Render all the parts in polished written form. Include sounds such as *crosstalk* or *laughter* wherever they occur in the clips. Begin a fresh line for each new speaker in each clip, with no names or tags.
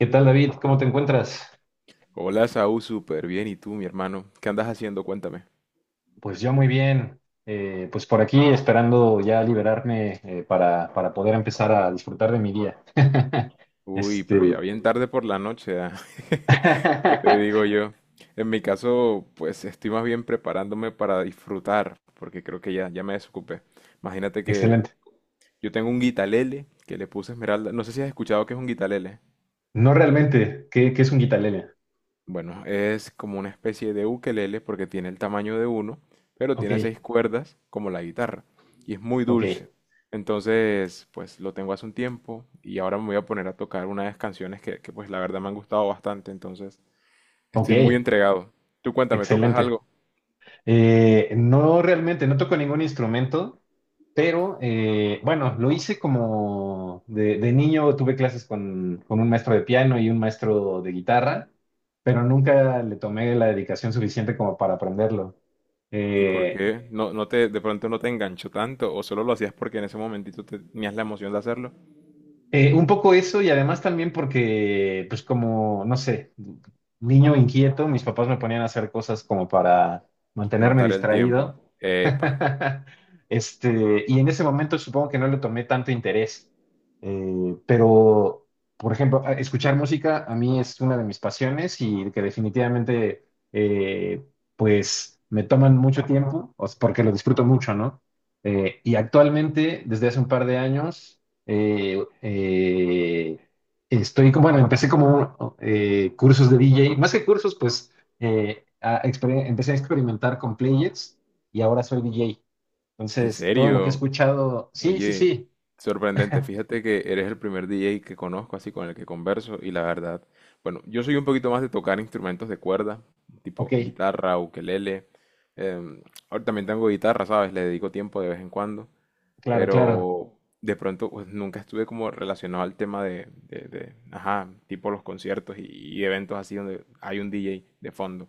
¿Qué tal, David? ¿Cómo te encuentras?
Hola, Saúl, súper bien. ¿Y tú, mi hermano? ¿Qué andas haciendo? Cuéntame.
Pues yo muy bien. Pues por aquí esperando ya liberarme, para poder empezar a disfrutar de mi día. *laughs*
Uy, pero ya
Este.
bien tarde por la noche, ah. *laughs* ¿Qué te digo
*laughs*
yo? En mi caso, pues estoy más bien preparándome para disfrutar, porque creo que ya me desocupé. Imagínate que
Excelente.
yo tengo un guitalele que le puse esmeralda. No sé si has escuchado que es un guitalele.
No realmente. ¿Qué es un guitarlele?
Bueno, es como una especie de ukelele porque tiene el tamaño de uno, pero
Ok,
tiene seis cuerdas como la guitarra y es muy
ok,
dulce. Entonces, pues lo tengo hace un tiempo y ahora me voy a poner a tocar unas canciones pues la verdad me han gustado bastante. Entonces
ok.
estoy muy entregado. Tú cuéntame, ¿tocas
Excelente.
algo?
No realmente, no toco ningún instrumento, pero bueno, lo hice como de niño, tuve clases con un maestro de piano y un maestro de guitarra, pero nunca le tomé la dedicación suficiente como para aprenderlo.
¿Y por
Eh,
qué? De pronto no te enganchó tanto o solo lo hacías porque en ese momentito tenías la emoción de hacerlo?
Un poco eso y además también porque, pues como, no sé, niño inquieto, mis papás me ponían a hacer cosas como para mantenerme
Matar el tiempo.
distraído.
Epa,
*laughs* Este, y en ese momento supongo que no le tomé tanto interés. Eh, pero, por ejemplo, escuchar música a mí es una de mis pasiones y que definitivamente, pues, me toman mucho tiempo, o sea, porque lo disfruto mucho, ¿no? Y actualmente, desde hace un par de años, eh, eh, estoy, bueno, empecé como cursos de DJ, más que cursos, pues empecé a experimentar con players y ahora soy DJ.
¿en
Entonces, todo lo que he
serio?
escuchado, sí, sí,
Oye,
sí,
sorprendente. Fíjate que eres el primer DJ que conozco, así con el que converso, y la verdad, bueno, yo soy un poquito más de tocar instrumentos de cuerda, tipo
ok,
guitarra, ukelele. em, Ahora también tengo guitarra, ¿sabes? Le dedico tiempo de vez en cuando,
claro, claro,
pero de pronto pues, nunca estuve como relacionado al tema ajá, tipo los conciertos y eventos así donde hay un DJ de fondo.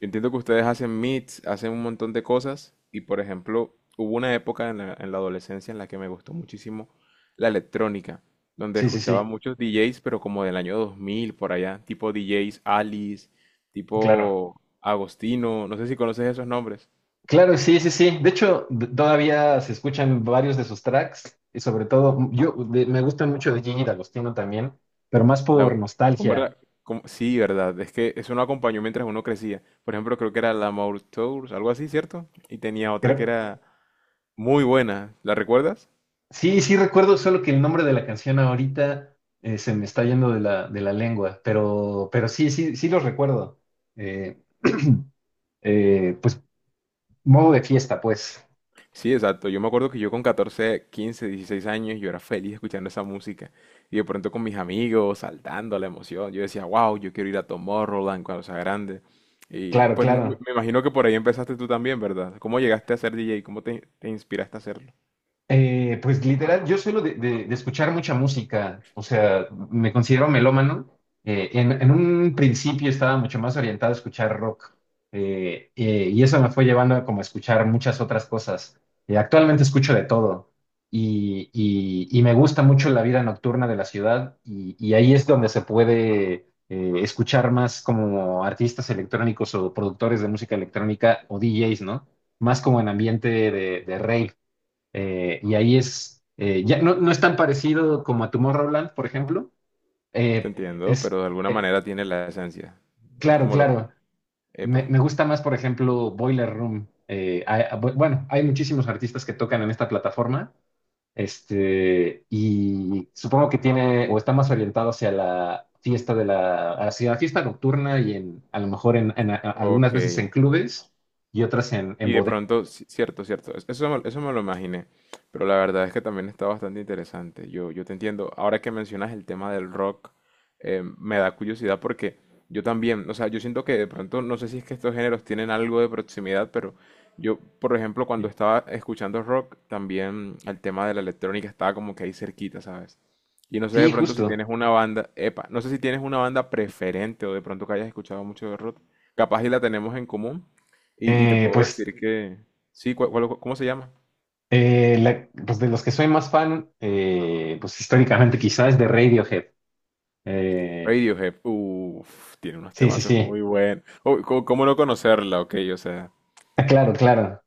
Yo entiendo que ustedes hacen meets, hacen un montón de cosas y por ejemplo hubo una época en la adolescencia en la que me gustó muchísimo la electrónica, donde
sí, sí,
escuchaba
sí,
muchos DJs, pero como del año 2000 por allá, tipo DJs Alice,
claro.
tipo Agostino, no sé si conoces esos nombres.
Claro, sí, sí, sí. De hecho, todavía se escuchan varios de sus tracks y sobre todo, yo me gustan mucho de Gigi D'Agostino también, pero más por
La, ¿cómo
nostalgia.
era? ¿Cómo? Sí, verdad. Es que eso no acompañó mientras uno crecía. Por ejemplo, creo que era la Tours, algo así, ¿cierto? Y tenía otra que era muy buena. ¿La recuerdas?
Sí, sí recuerdo, solo que el nombre de la canción ahorita se me está yendo de la lengua, pero sí, sí, sí los recuerdo. Eh, *clears throat* pues modo de fiesta, pues.
Sí, exacto. Yo me acuerdo que yo con 14 15 16 años, yo era feliz escuchando esa música. Y de pronto con mis amigos, saltando a la emoción. Yo decía, wow, yo quiero ir a Tomorrowland cuando sea grande. Y
Claro,
pues me
claro.
me imagino que por ahí empezaste tú también, ¿verdad? ¿Cómo llegaste a ser DJ? ¿Cómo te, te inspiraste a hacerlo?
Pues literal, yo suelo de escuchar mucha música, o sea, me considero melómano. En un principio estaba mucho más orientado a escuchar rock, y eso me fue llevando a como a escuchar muchas otras cosas. Actualmente escucho de todo y, y me gusta mucho la vida nocturna de la ciudad y ahí es donde se puede escuchar más como artistas electrónicos o productores de música electrónica o DJs, ¿no? Más como en ambiente de rave, y ahí es, ya no, no es tan parecido como a Tomorrowland, por ejemplo.
Te
Eh,
entiendo,
es,
pero de alguna
eh,
manera tiene la esencia. Es
claro,
como lo que...
claro. Me,
Epa.
me gusta más, por ejemplo, Boiler Room. Bueno, hay muchísimos artistas que tocan en esta plataforma. Este, y supongo que tiene o está más orientado hacia la fiesta de la, hacia la fiesta nocturna y en, a lo mejor en, algunas
Ok.
veces en clubes y otras en
Y de
bodegas.
pronto, cierto, cierto, eso, eso me lo imaginé, pero la verdad es que también está bastante interesante. Yo te entiendo, ahora que mencionas el tema del rock. Me da curiosidad porque yo también, o sea, yo siento que de pronto, no sé si es que estos géneros tienen algo de proximidad, pero yo, por ejemplo, cuando estaba escuchando rock, también el tema de la electrónica estaba como que ahí cerquita, ¿sabes? Y no sé
Sí,
de pronto si
justo.
tienes una banda, epa, no sé si tienes una banda preferente o de pronto que hayas escuchado mucho de rock, capaz y la tenemos en común. Y te
Eh,
puedo
pues
decir que. Sí, ¿cómo se llama?
Pues de los que soy más fan, pues históricamente quizás de Radiohead. Eh,
Radiohead. Uf, tiene unos
sí, sí,
temazos
sí.
muy
*laughs*
buenos. Oh, ¿cómo, cómo no conocerla? Ok, o sea,
Ah, claro, claro.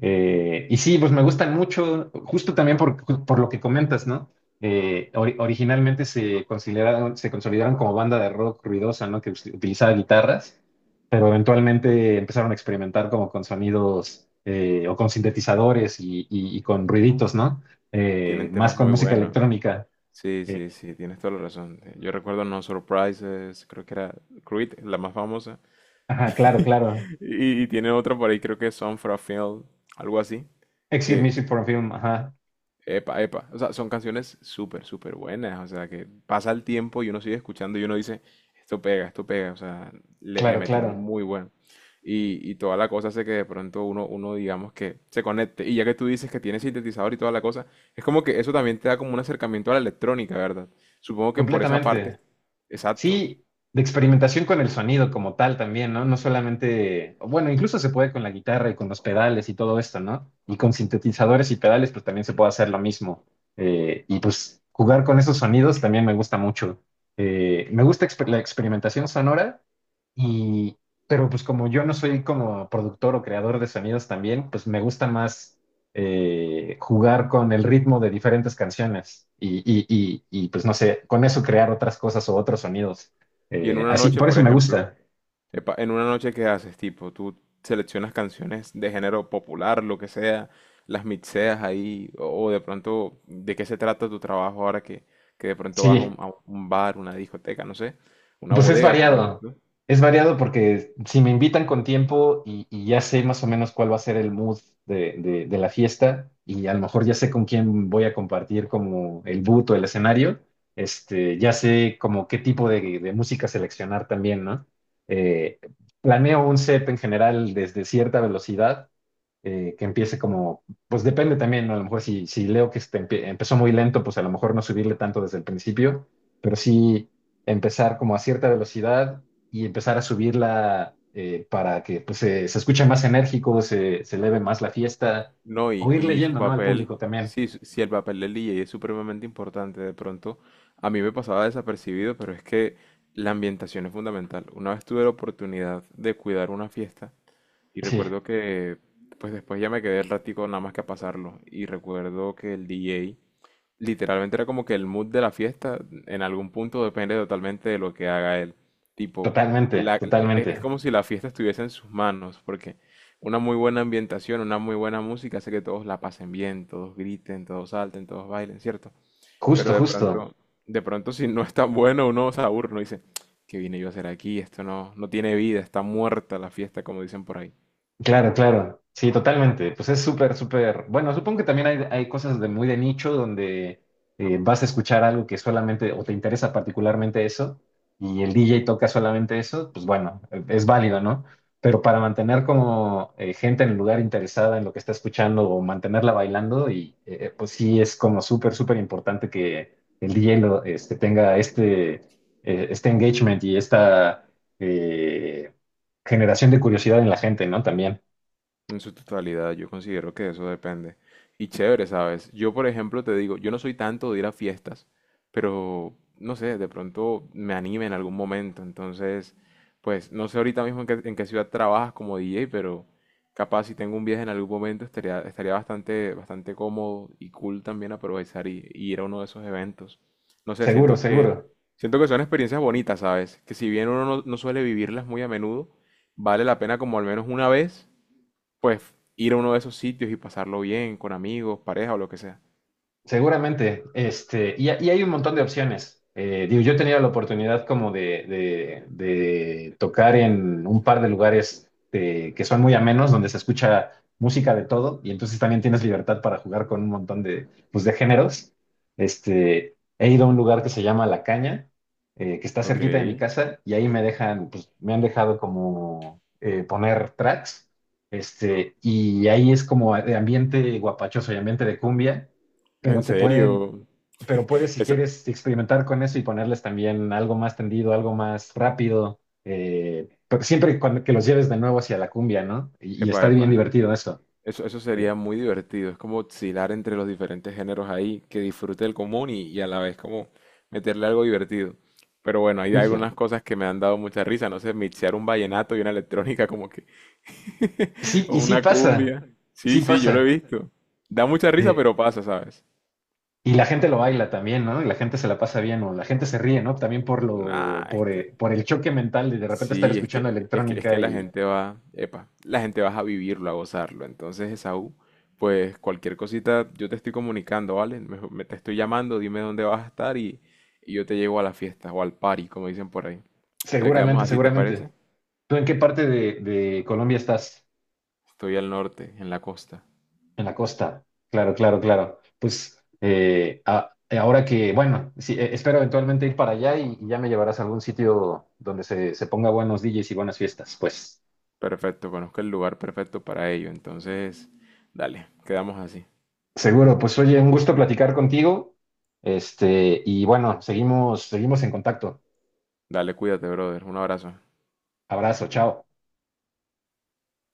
Y sí, pues me gustan mucho, justo también por lo que comentas, ¿no? Originalmente se consideraron, se consolidaron como banda de rock ruidosa, ¿no? Que utilizaba guitarras, pero eventualmente empezaron a experimentar como con sonidos, o con sintetizadores y, y con ruiditos, ¿no?
tienen
Más
temas
con
muy
música
buenos.
electrónica.
Sí,
Eh,
sí, sí, tienes toda la razón. Yo recuerdo No Surprises. Creo que era Creed, la más famosa.
Ajá, claro,
*laughs*
claro.
Y, y tiene otra por ahí, creo que es Song for a Field, algo así.
Exit
Que,
Music for a Film, ajá.
epa, epa. O sea, son canciones súper, súper buenas. O sea, que pasa el tiempo y uno sigue escuchando y uno dice, esto pega, esto pega. O sea, le
Claro,
metían
claro.
muy bueno. Y toda la cosa hace que de pronto digamos que se conecte. Y ya que tú dices que tiene sintetizador y toda la cosa, es como que eso también te da como un acercamiento a la electrónica, ¿verdad? Supongo que por esa parte,
Completamente.
exacto.
Sí, de experimentación con el sonido como tal también, ¿no? No solamente, bueno, incluso se puede con la guitarra y con los pedales y todo esto, ¿no? Y con sintetizadores y pedales, pues también se puede hacer lo mismo. Y pues jugar con esos sonidos también me gusta mucho. Me gusta la experimentación sonora. Y, pero pues como yo no soy como productor o creador de sonidos también, pues me gusta más, jugar con el ritmo de diferentes canciones y, pues no sé, con eso crear otras cosas o otros sonidos.
Y en una
Así,
noche,
por
por
eso me
ejemplo.
gusta.
Epa, en una noche, ¿qué haces? Tipo, tú seleccionas canciones de género popular, lo que sea, las mixeas ahí. O, o de pronto, ¿de qué se trata tu trabajo ahora que de pronto vas a
Sí.
a un bar, una discoteca, no sé, una
Pues
bodega, como dices tú?
es variado porque si me invitan con tiempo y ya sé más o menos cuál va a ser el mood de la fiesta y a lo mejor ya sé con quién voy a compartir como el boot o el escenario, este, ya sé como qué tipo de música seleccionar también, ¿no? Eh, Planeo un set en general desde cierta velocidad, que empiece como, pues depende también, ¿no? A lo mejor si, si leo que este empezó muy lento, pues a lo mejor no subirle tanto desde el principio, pero sí empezar como a cierta velocidad y empezar a subirla, para que pues, se escuche más enérgico, se eleve más la fiesta,
No,
o ir
y su
leyendo, ¿no? Al
papel,
público también.
sí, sí, el papel del DJ es supremamente importante. De pronto, a mí me pasaba desapercibido, pero es que la ambientación es fundamental. Una vez tuve la oportunidad de cuidar una fiesta. Y
Sí,
recuerdo que, pues después ya me quedé el ratico nada más que a pasarlo. Y recuerdo que el DJ literalmente era como que el mood de la fiesta en algún punto depende totalmente de lo que haga él. Tipo,
totalmente,
es
totalmente.
como si la fiesta estuviese en sus manos, porque una muy buena ambientación, una muy buena música hace que todos la pasen bien, todos griten, todos salten, todos bailen, ¿cierto?
Justo,
Pero
justo.
de pronto si no es tan bueno uno se aburre, uno dice, ¿qué vine yo a hacer aquí? Esto no, no tiene vida, está muerta la fiesta, como dicen por ahí.
Claro, claro. Sí, totalmente. Pues es súper, súper. Bueno, supongo que también hay cosas de muy de nicho donde, vas a escuchar algo que solamente o te interesa particularmente eso y el DJ toca solamente eso, pues bueno, es válido, ¿no? Pero para mantener como, gente en el lugar interesada en lo que está escuchando o mantenerla bailando, y pues sí es como súper, súper importante que el DJ lo, este, tenga este, este engagement y esta eh, generación de curiosidad en la gente, ¿no? También.
En su totalidad, yo considero que eso depende. Y chévere, ¿sabes? Yo, por ejemplo, te digo, yo no soy tanto de ir a fiestas, pero no sé, de pronto me anime en algún momento. Entonces, pues no sé ahorita mismo en qué ciudad trabajas como DJ, pero capaz si tengo un viaje en algún momento estaría, estaría bastante, bastante cómodo y cool también aprovechar y ir a uno de esos eventos. No sé,
Seguro, seguro.
siento que son experiencias bonitas, ¿sabes? Que si bien uno no suele vivirlas muy a menudo, vale la pena como al menos una vez pues ir a uno de esos sitios y pasarlo bien con amigos, pareja o lo que sea.
Seguramente, este, y hay un montón de opciones. Digo, yo he tenido la oportunidad como de tocar en un par de lugares, que son muy amenos, donde se escucha música de todo, y entonces también tienes libertad para jugar con un montón de, pues, de géneros. Este, he ido a un lugar que se llama La Caña, que está
Ok,
cerquita de mi casa, y ahí me dejan, pues, me han dejado como, poner tracks, este, y ahí es como de ambiente guapachoso y ambiente de cumbia,
en
pero te pueden,
serio.
pero puedes si
Eso,
quieres experimentar con eso y ponerles también algo más tendido, algo más rápido, pero siempre cuando, que los lleves de nuevo hacia la cumbia, ¿no? Y
epa,
está bien
epa.
divertido eso,
Eso sería
eh,
muy divertido. Es como oscilar entre los diferentes géneros ahí, que disfrute el común y a la vez como meterle algo divertido. Pero bueno, hay
justo.
algunas cosas que me han dado mucha risa. No sé, mixear un vallenato y una electrónica como que,
Sí,
o
y sí
una
pasa,
cumbia.
sí
Sí, sí, yo lo he
pasa.
visto. Da mucha risa,
eh,
pero pasa, ¿sabes?
y la gente lo baila también, ¿no? Y la gente se la pasa bien, o la gente se ríe, ¿no? También por lo,
Nah, es que
por el choque mental de repente estar
sí,
escuchando
es
electrónica
que la
y
gente va, epa, la gente va a vivirlo, a gozarlo. Entonces, Esaú, pues cualquier cosita yo te estoy comunicando, ¿vale? Te estoy llamando, dime dónde vas a estar y yo te llevo a la fiesta o al party, como dicen por ahí. Entonces quedamos
seguramente,
así, ¿te parece?
seguramente. ¿Tú en qué parte de Colombia estás?
Estoy al norte, en la costa.
En la costa, claro, claro, claro. Pues ahora que, bueno, sí, espero eventualmente ir para allá y ya me llevarás a algún sitio donde se ponga buenos DJs y buenas fiestas. Pues
Perfecto, conozco el lugar perfecto para ello. Entonces, dale, quedamos así.
seguro, pues oye, un gusto platicar contigo. Este, y bueno, seguimos, seguimos en contacto.
Dale, cuídate, brother. Un abrazo.
Abrazo, chao.